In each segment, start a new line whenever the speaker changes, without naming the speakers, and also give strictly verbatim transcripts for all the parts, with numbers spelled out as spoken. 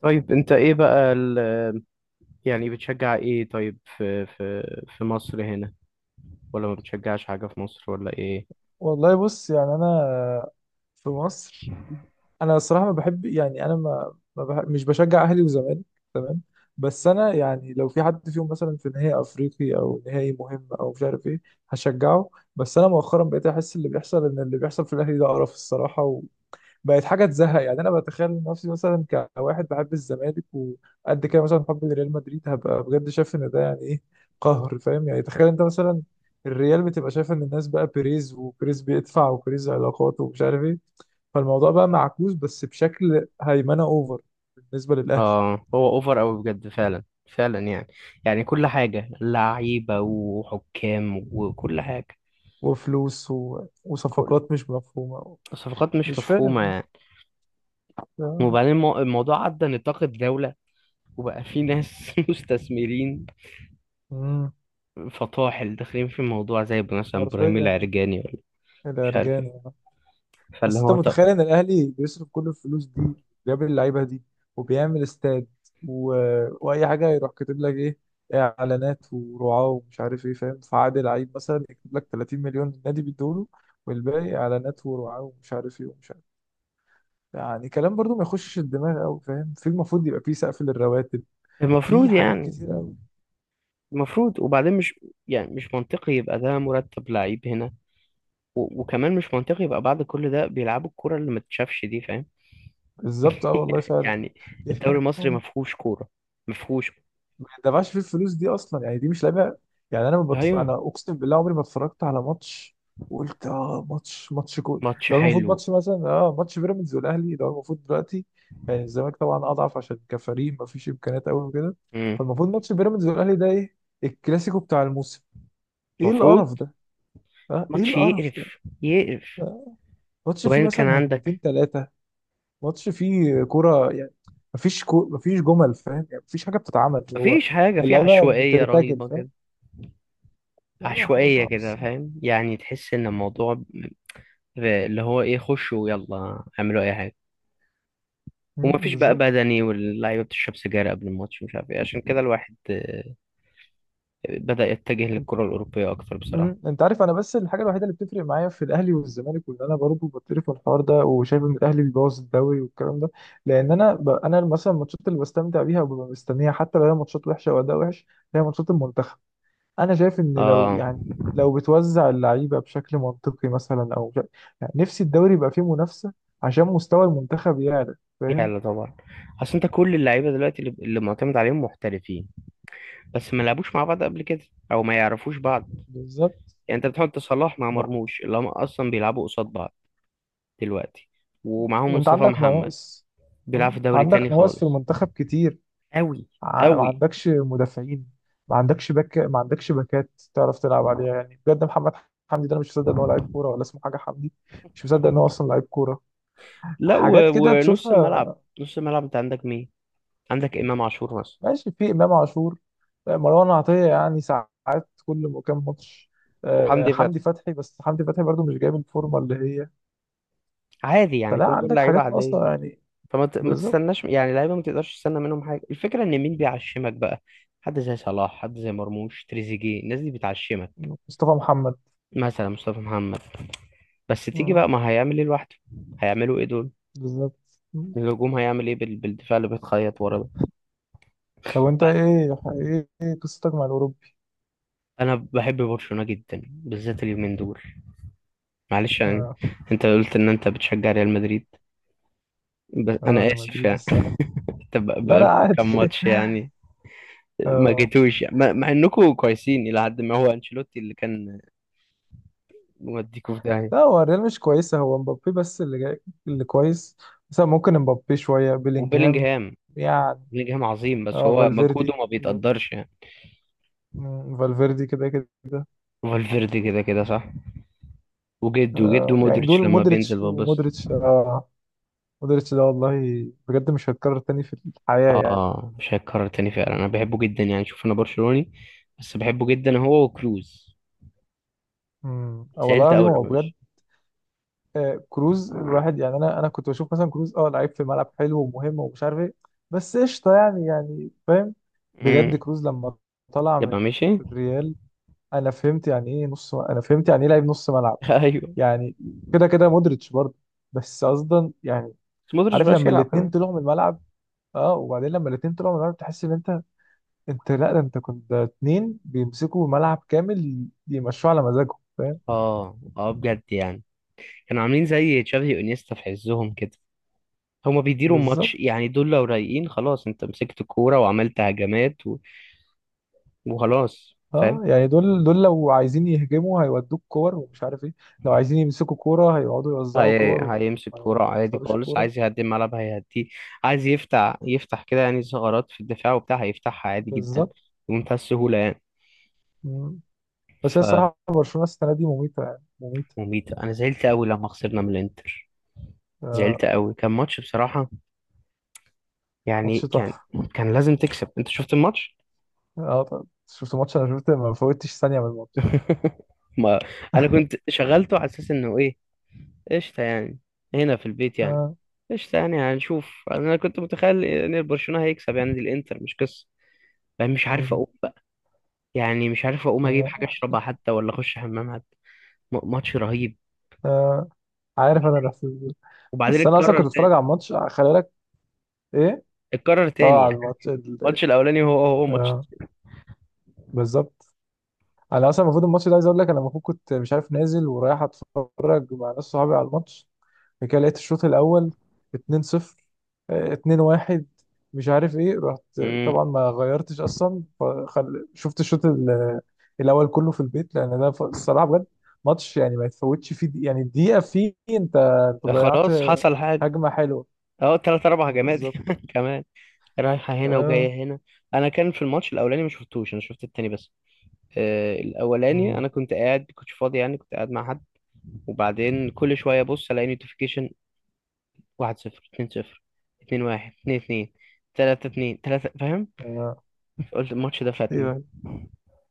طيب انت ايه بقى ال-، يعني بتشجع ايه؟ طيب في في في مصر هنا، ولا ما بتشجعش حاجة في مصر ولا ايه؟
والله بص يعني انا في مصر انا الصراحه ما بحب يعني انا ما, ما بح... مش بشجع اهلي وزمالك. تمام. بس انا يعني لو في حد فيهم مثلا في نهائي افريقي او نهائي مهم او مش عارف ايه هشجعه. بس انا مؤخرا بقيت احس اللي بيحصل ان اللي بيحصل في الاهلي ده قرف الصراحه. بقت حاجه تزهق، يعني انا بتخيل نفسي مثلا كواحد بحب الزمالك وقد كده، مثلا حب لريال مدريد، هبقى بجد شايف ان ده يعني ايه؟ قهر، فاهم؟ يعني تخيل انت مثلا الريال بتبقى شايف ان الناس بقى بيريز، وبيريز بيدفع، وبيريز علاقات ومش عارف ايه. فالموضوع بقى معكوس بس بشكل هيمنه اوفر بالنسبه للاهلي.
اه، هو اوفر اوي بجد فعلا. فعلا يعني، يعني كل حاجة لعيبة وحكام وكل حاجة.
وفلوس و...
كل
وصفقات مش مفهومه.
صفقات مش
مش
مفهومة
فاهم.
يعني.
آه.
وبعدين المو- الموضوع عدى نطاق الدولة، وبقى في ناس مستثمرين
مم.
فطاحل داخلين في الموضوع زي مثلا ابراهيم
حرفيا
العرجاني، ولا مش عارف
الارجان.
ايه. فاللي
بس انت
هو طب
متخيل ان الاهلي بيصرف كل الفلوس دي، بيقابل اللعيبه دي، وبيعمل استاد و... واي حاجه، يروح كاتب لك ايه؟ اعلانات ورعاه ومش عارف ايه، فاهم؟ فعادي لعيب مثلا يكتب لك ثلاثين مليون النادي بيدوله والباقي اعلانات ورعاه ومش عارف ايه ومش عارف. يعني كلام برضو ما يخشش الدماغ قوي، فاهم؟ في المفروض يبقى في سقف للرواتب، في
المفروض
حاجات
يعني.
كتير قوي.
المفروض، وبعدين مش، يعني مش منطقي يبقى ده مرتب لعيب هنا. و... وكمان مش منطقي يبقى بعد كل ده بيلعبوا الكرة اللي ما تتشافش دي، فاهم؟
بالظبط، اه والله فعلا.
يعني الدوري المصري ما فيهوش كورة، ما فيهوش.
ما يدفعش فيه الفلوس دي اصلا، يعني دي مش لعيبه. يعني انا ما بتف... انا
ايوه،
اقسم بالله عمري ما اتفرجت على ماتش وقلت اه ماتش، ماتش كو
ماتش
لو المفروض
حلو.
ماتش مثلا، اه، ماتش بيراميدز والاهلي، لو المفروض دلوقتي، يعني الزمالك طبعا اضعف عشان كفريق ما فيش امكانيات قوي وكده،
امم،
فالمفروض ماتش بيراميدز والاهلي ده ايه؟ الكلاسيكو بتاع الموسم. ايه
المفروض
القرف ده؟ اه، ايه
ماتش
القرف ده؟
يقرف يقرف.
آه. ماتش فيه
وبعدين كان
مثلا هجمتين
عندك
ثلاثه، ماتش فيه كوره يعني. مفيش كو... مفيش جمل، فاهم؟ يعني مفيش حاجه بتتعمل. هو
مفيش حاجة، في
اللعيبه
عشوائية
بترتجل،
رهيبة
فاهم؟
كده.
لا لا، حاجة
عشوائية
صعبة
كده،
الصراحة.
فاهم؟ يعني تحس ان الموضوع ب-، اللي هو ايه، خشوا يلا اعملوا اي حاجة.
أمم،
ومفيش بقى
بالظبط.
بدني، واللعيبه بتشرب سجاير قبل الماتش، مش عارف ايه. عشان كده الواحد آه، بدأ يتجه للكره الاوروبيه اكتر بصراحه.
أمم، انت عارف انا بس الحاجة الوحيدة اللي بتفرق معايا في الاهلي والزمالك، وان انا برضه بتقرف من الحوار ده وشايف ان الاهلي بيبوظ الدوري والكلام ده، لان انا ب... انا مثلا الماتشات اللي بستمتع بيها وببقى مستنيها، حتى لو هي ماتشات وحشة واداء وحش، هي ماتشات المنتخب. انا شايف ان لو
اه،
يعني، لو بتوزع اللعيبة بشكل منطقي مثلا او ش... يعني نفسي الدوري يبقى فيه منافسة عشان مستوى المنتخب يعلى، فاهم؟
يلا طبعا. اصل انت كل اللعيبه دلوقتي اللي اللي معتمد عليهم محترفين، بس ما لعبوش مع بعض قبل كده، او ما يعرفوش بعض.
بالظبط.
يعني انت بتحط صلاح مع
بقى.
مرموش، اللي هم اصلا بيلعبوا قصاد بعض دلوقتي. ومعاهم
وانت
مصطفى
عندك
محمد
نواقص.
بيلعب
أمم،
في دوري
عندك
تاني
نواقص في
خالص.
المنتخب كتير.
قوي.
ع- ما
قوي.
عندكش مدافعين، ما عندكش باك، ما عندكش باكات تعرف تلعب عليها، يعني بجد محمد حمدي ده انا مش مصدق ان هو لعيب كوره، ولا اسمه حاجه حمدي. مش مصدق ان هو اصلا لعيب كوره.
لا، و...
حاجات كده
ونص الملعب.
تشوفها.
نص الملعب انت عندك مين؟ عندك امام عاشور مثلا،
ماشي، في امام عاشور، آه، مروان عطيه يعني ساعات، كل م- كام ماتش، آه،
وحمدي فتحي
حمدي فتحي، بس حمدي فتحي برضو مش جايب الفورمه اللي هي.
عادي يعني.
فلا
كل دول
عندك
لعيبه
حاجات
عاديه.
ناقصه يعني.
فما ت- ما
بالظبط.
تستناش يعني لعيبه، ما تقدرش تستنى منهم حاجه. الفكره ان مين بيعشمك بقى؟ حد زي صلاح، حد زي مرموش، تريزيجيه، الناس دي بتعشمك.
مصطفى محمد.
مثلا مصطفى محمد، بس تيجي
آه،
بقى ما هيعمل ايه لوحده؟ هيعملوا ايه دول؟
بالظبط.
الهجوم هيعمل ايه بال-، بالدفاع اللي بيتخيط ورا ده؟
طب وانت ايه ايه إيه قصتك مع الاوروبي؟
انا بحب برشلونه جدا بالذات اليومين دول، معلش يعني.
اه.
انت قلت ان انت بتشجع ريال مدريد، بس
اه
انا
انا
اسف
مدريد
يعني.
السنه.
انت بقى-،
لا لا
بقالكوا
عادي.
كام ماتش يعني ما
اه.
جيتوش يعني. مع مع انكم كويسين الى حد ما. هو انشيلوتي اللي كان موديكوا في
لا
داهيه.
هو الريال مش كويسة، هو مبابي بس اللي جاي اللي كويس. مثلا ممكن مبابي، شوية بيلينجهام
وبيلينجهام،
يعني،
بيلينجهام عظيم بس
اه،
هو مجهوده
فالفيردي.
ما بيتقدرش يعني.
مم، فالفيردي كده كده.
فالفيردي كده كده صح، وجد وجد.
آه يعني دول،
ومودريتش لما
مودريتش
بينزل ببص.
ومودريتش اه. مودريتش ده والله بجد مش هيتكرر تاني في الحياة يعني.
اه، مش هيتكرر تاني فعلا. انا بحبه جدا يعني. شوف، انا برشلوني بس بحبه جدا، هو وكروز.
مم، آه، والله
زعلت
العظيم
اول
هو
لما
بجد.
مشي.
آه، كروز، الواحد يعني انا انا كنت بشوف مثلا كروز اه لعيب في الملعب حلو ومهم ومش عارف ايه، بس قشطه يعني، يعني فاهم. بجد
امم،
كروز لما طلع من
يبقى مشي.
الريال انا فهمت يعني ايه نص، انا فهمت يعني ايه لعيب نص ملعب.
ايوه.
يعني كده كده مودريتش برضه، بس قصدا يعني.
بس مودريتش
عارف
مبقاش
لما
يلعب
الاثنين
كمان.
طلعوا من الملعب، اه وبعدين لما الاثنين طلعوا من الملعب تحس ان انت، انت لا ده انت كنت ده اتنين بيمسكوا ملعب كامل يمشوه على مزاجهم، فاهم.
اه اه، بجد يعني. كانوا عاملين زي تشافي وانيستا في عزهم كده. هما بيديروا الماتش
بالظبط.
يعني. دول لو رايقين، خلاص انت مسكت الكورة وعملت هجمات و... وخلاص، فاهم؟
اه يعني دول، دول لو عايزين يهجموا هيودوك كور ومش عارف ايه، لو عايزين يمسكوا كورة هيقعدوا يوزعوا
هي...
كور
هيمسك
وما
كورة عادي
يختاروش
خالص.
كورة.
عايز يهدي الملعب هيهديه. عايز يفتح، يفتح كده يعني ثغرات في الدفاع وبتاع، هيفتحها عادي جدا،
بالظبط.
بمنتهى السهولة يعني.
مم. بس هي الصراحة برشلونة السنة دي مميتة، يعني مميتة.
فمميتة. أنا زعلت أوي لما خسرنا من الإنتر. زعلت
آه.
أوي، كان ماتش بصراحة. يعني
ماتش
كان
تحفة.
كان لازم تكسب. أنت شفت الماتش؟
اه طب شفت ماتش، انا شفت ما فوتش ثانية من الماتش.
ما أنا كنت شغلته على أساس إنه إيه، قشطة يعني، هنا في البيت يعني.
آه.
قشطة يعني هنشوف. أنا كنت متخيل إن برشلونة هيكسب، يعني دي الإنتر مش قصة. يعني مش عارف
مم.
أقوم بقى. يعني مش عارف أقوم أجيب حاجة
آه.
أشربها حتى، ولا أخش حمام حتى. م- ماتش رهيب.
آه. عارف انا الاحساس ده.
وبعدين
بس انا اصلا
اتكرر
كنت اتفرج
تاني.
على الماتش خلي بالك. ايه،
اتكرر تاني
اه، على
يعني
الماتش ال-
الماتش الأولاني هو هو ماتش.
آه. بالظبط. انا اصلا المفروض الماتش ده، عايز اقول لك انا المفروض كنت مش عارف نازل ورايح اتفرج مع ناس صحابي على الماتش، بعد كده لقيت الشوط الاول اثنين صفر، آه، اثنين واحد، مش عارف ايه، رحت
مم.
طبعا ما غيرتش اصلا فخل... شفت الشوط ال- الاول كله في البيت، لان ده ف- الصراحه بجد ماتش يعني ما يتفوتش فيه دي... يعني الدقيقه فيه انت، انت ضيعت
خلاص حصل حاجة.
هجمه حلوه.
أهو تلات أربع هجمات
بالظبط.
كمان، رايحة هنا
اه.
وجاية هنا. أنا كان في الماتش الأولاني ما شفتوش، أنا شفت التاني بس. آه، الاولاني
امم.
انا كنت قاعد، كنتش فاضي يعني، كنت قاعد مع حد. وبعدين كل شويه ابص الاقي نوتيفيكيشن: واحد صفر، اثنين صفر، اثنين واحد، اثنين اثنين، ثلاثة اثنين، ثلاثة، فاهم؟
آه.
قلت الماتش ده فاتني.
أيوة.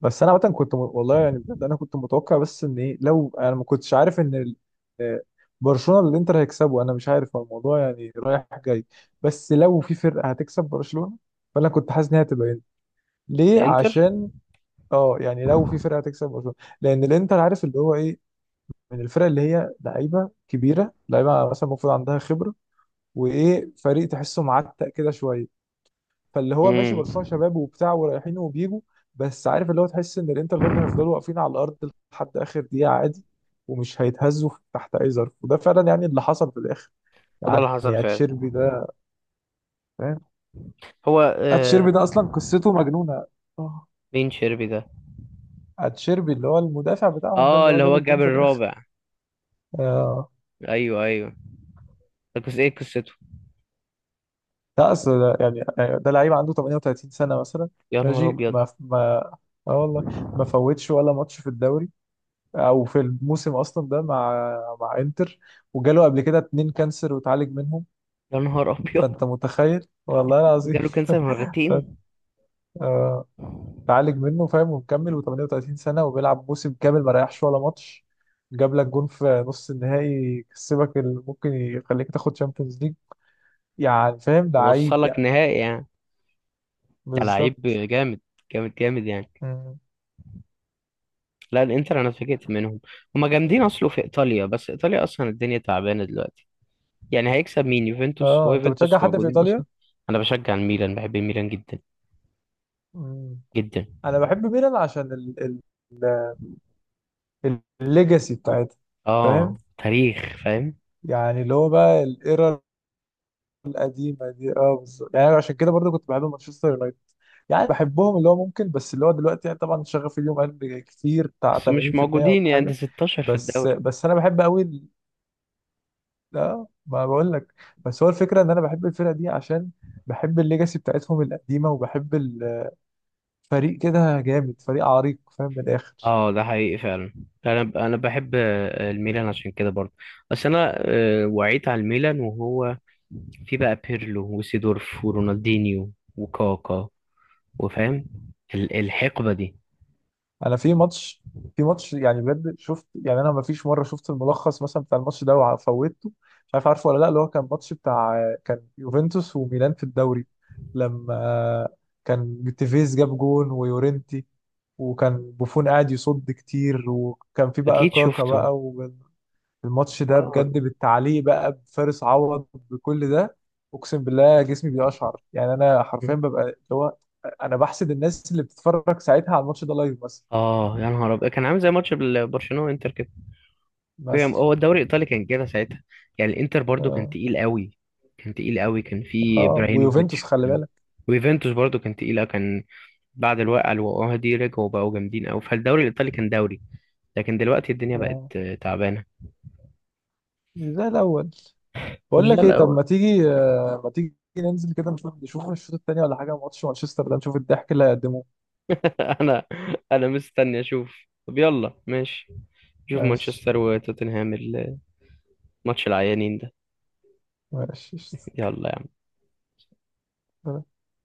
بس انا عامه كنت م... والله يعني بجد انا كنت متوقع، بس ان ايه لو انا ما كنتش عارف ان ال... آه، برشلونه اللي انتر هيكسبه انا مش عارف، هو الموضوع يعني رايح جاي، بس لو في فرقه هتكسب برشلونه فانا كنت حاسس ان هي هتبقى انتر. ليه؟
الانتر.
عشان، اه يعني لو في فرقه هتكسب برشلونه، لان الانتر عارف اللي هو ايه، من الفرق اللي هي لعيبه كبيره، لعيبه مثلا المفروض عندها خبره، وايه، فريق تحسه معتق كده شويه، فاللي هو ماشي
امم.
برشلونه شباب وبتاع ورايحين وبيجوا، بس عارف اللي هو تحس ان الانتر برضه هيفضلوا واقفين على الارض لحد اخر دقيقه عادي ومش هيتهزوا تحت اي ظرف. وده فعلا يعني اللي حصل في الاخر
وده
يعني.
اللي حصل فعلا.
اتشيربي ده، فاهم؟
هو
اتشيربي
آه...
ده اصلا قصته مجنونه. آه.
مين شيربي ده؟
اتشيربي اللي هو المدافع بتاعهم ده،
اه،
اللي هو
اللي
جاب
هو جاب
الجون في الاخر.
الرابع.
آه.
ايوه ايوه. ده قص ايه قصته؟
ده اصل ده يعني، آه، ده لعيب عنده تمانية وثلاثين سنه مثلا.
يا نهار
ماشي
ابيض.
ما ما اه والله ما فوتش ولا ماتش في الدوري او في الموسم اصلا ده، مع مع انتر، وجاله قبل كده اتنين كانسر وتعالج منهم.
يا نهار ابيض.
فانت متخيل والله العظيم.
جاله كانسر مرتين.
آه، اتعالج منه فاهم، ومكمل، و38 سنه وبيلعب موسم كامل ما ريحش ولا ماتش، جاب لك جون في نص النهائي يكسبك اللي ممكن يخليك تاخد شامبيونز ليج، يعني فاهم لعيب
ووصلك
يعني.
نهائي يعني. ده لعيب
بالظبط.
جامد، جامد جامد يعني.
مم.
لا، الانتر انا اتفاجئت منهم. هما جامدين. اصله في ايطاليا، بس ايطاليا اصلا الدنيا تعبانه دلوقتي، يعني هيكسب مين؟ يوفنتوس؟ هو
اه انت بتشجع
يوفنتوس
حد في
موجودين
ايطاليا؟
اصلا. انا بشجع الميلان، بحب الميلان جدا،
مم.
جدا.
انا بحب ميلان عشان ال- ال- الليجاسي بتاعتها، فاهم
اه، تاريخ فاهم.
يعني، اللي هو بقى الايرا القديمه دي، اه بالظبط. يعني أنا عشان كده برضه كنت بحب مانشستر يونايتد، يعني بحبهم، اللي هو ممكن، بس اللي هو دلوقتي يعني طبعا شغفي اليوم قل كتير بتاع
بس مش
ثمانين في المية،
موجودين
ولا
يعني، ده
حاجه.
ستاشر في
بس
الدوري.
بس انا بحب قوي ال- لا ما بقول لك، بس هو الفكره ان انا بحب الفرقه دي عشان بحب الليجاسي بتاعتهم القديمه، وبحب الفريق كده جامد، فريق عريق، فاهم، من الاخر.
اه، ده حقيقي فعلا. انا ب- انا بحب آه، الميلان عشان كده برضه. بس انا آه، وعيت على الميلان وهو في بقى بيرلو وسيدورف ورونالدينيو وكاكا، وفاهم، ال- الحقبة دي.
انا في ماتش، في ماتش يعني بجد شفت، يعني انا ما فيش مره شفت الملخص مثلا بتاع الماتش ده وفوتته، مش عارف عارفه ولا لا، اللي هو كان ماتش بتاع، كان يوفنتوس وميلان في الدوري، لما كان تيفيز جاب جون ويورنتي، وكان بوفون قاعد يصد كتير، وكان في بقى
أكيد
كاكا
شفته.
بقى، والماتش ده
اه
بجد بالتعليق بقى بفارس عوض بكل ده، اقسم بالله جسمي بيقشعر، يعني انا حرفيا ببقى اللي هو، انا بحسد الناس اللي بتتفرج ساعتها على الماتش ده لايف مثلا.
اه، يا نهار ابيض. كان عامل زي ماتش بال- برشلونه وانتر كده. هي-
مثلا.
هو الدوري الايطالي كان كده ساعتها. يعني الانتر برضو كان
اه.
تقيل قوي، كان تقيل قوي. كان في
اه ويوفنتوس
ابراهيموفيتش.
خلي
كان
بالك.
ويوفنتوس برضو كان تقيله. كان بعد الوقعه اللي وقعوها دي رجعوا بقوا جامدين قوي. فالدوري الايطالي كان دوري. لكن دلوقتي الدنيا بقت
اه.
آه، تعبانه.
مش زي الاول. بقول
مش ده
لك ايه، طب
الاول.
ما تيجي، آه ما تيجي ننزل كده نشوف، نشوف الشوط الثاني ولا حاجه، ماتش مانشستر ده، نشوف الضحك اللي هيقدموه.
انا، انا مستني اشوف. طب يلا ماشي، شوف
ماشي.
مانشستر وتوتنهام الماتش العيانين ده.
ماشي قشطة.
يلا.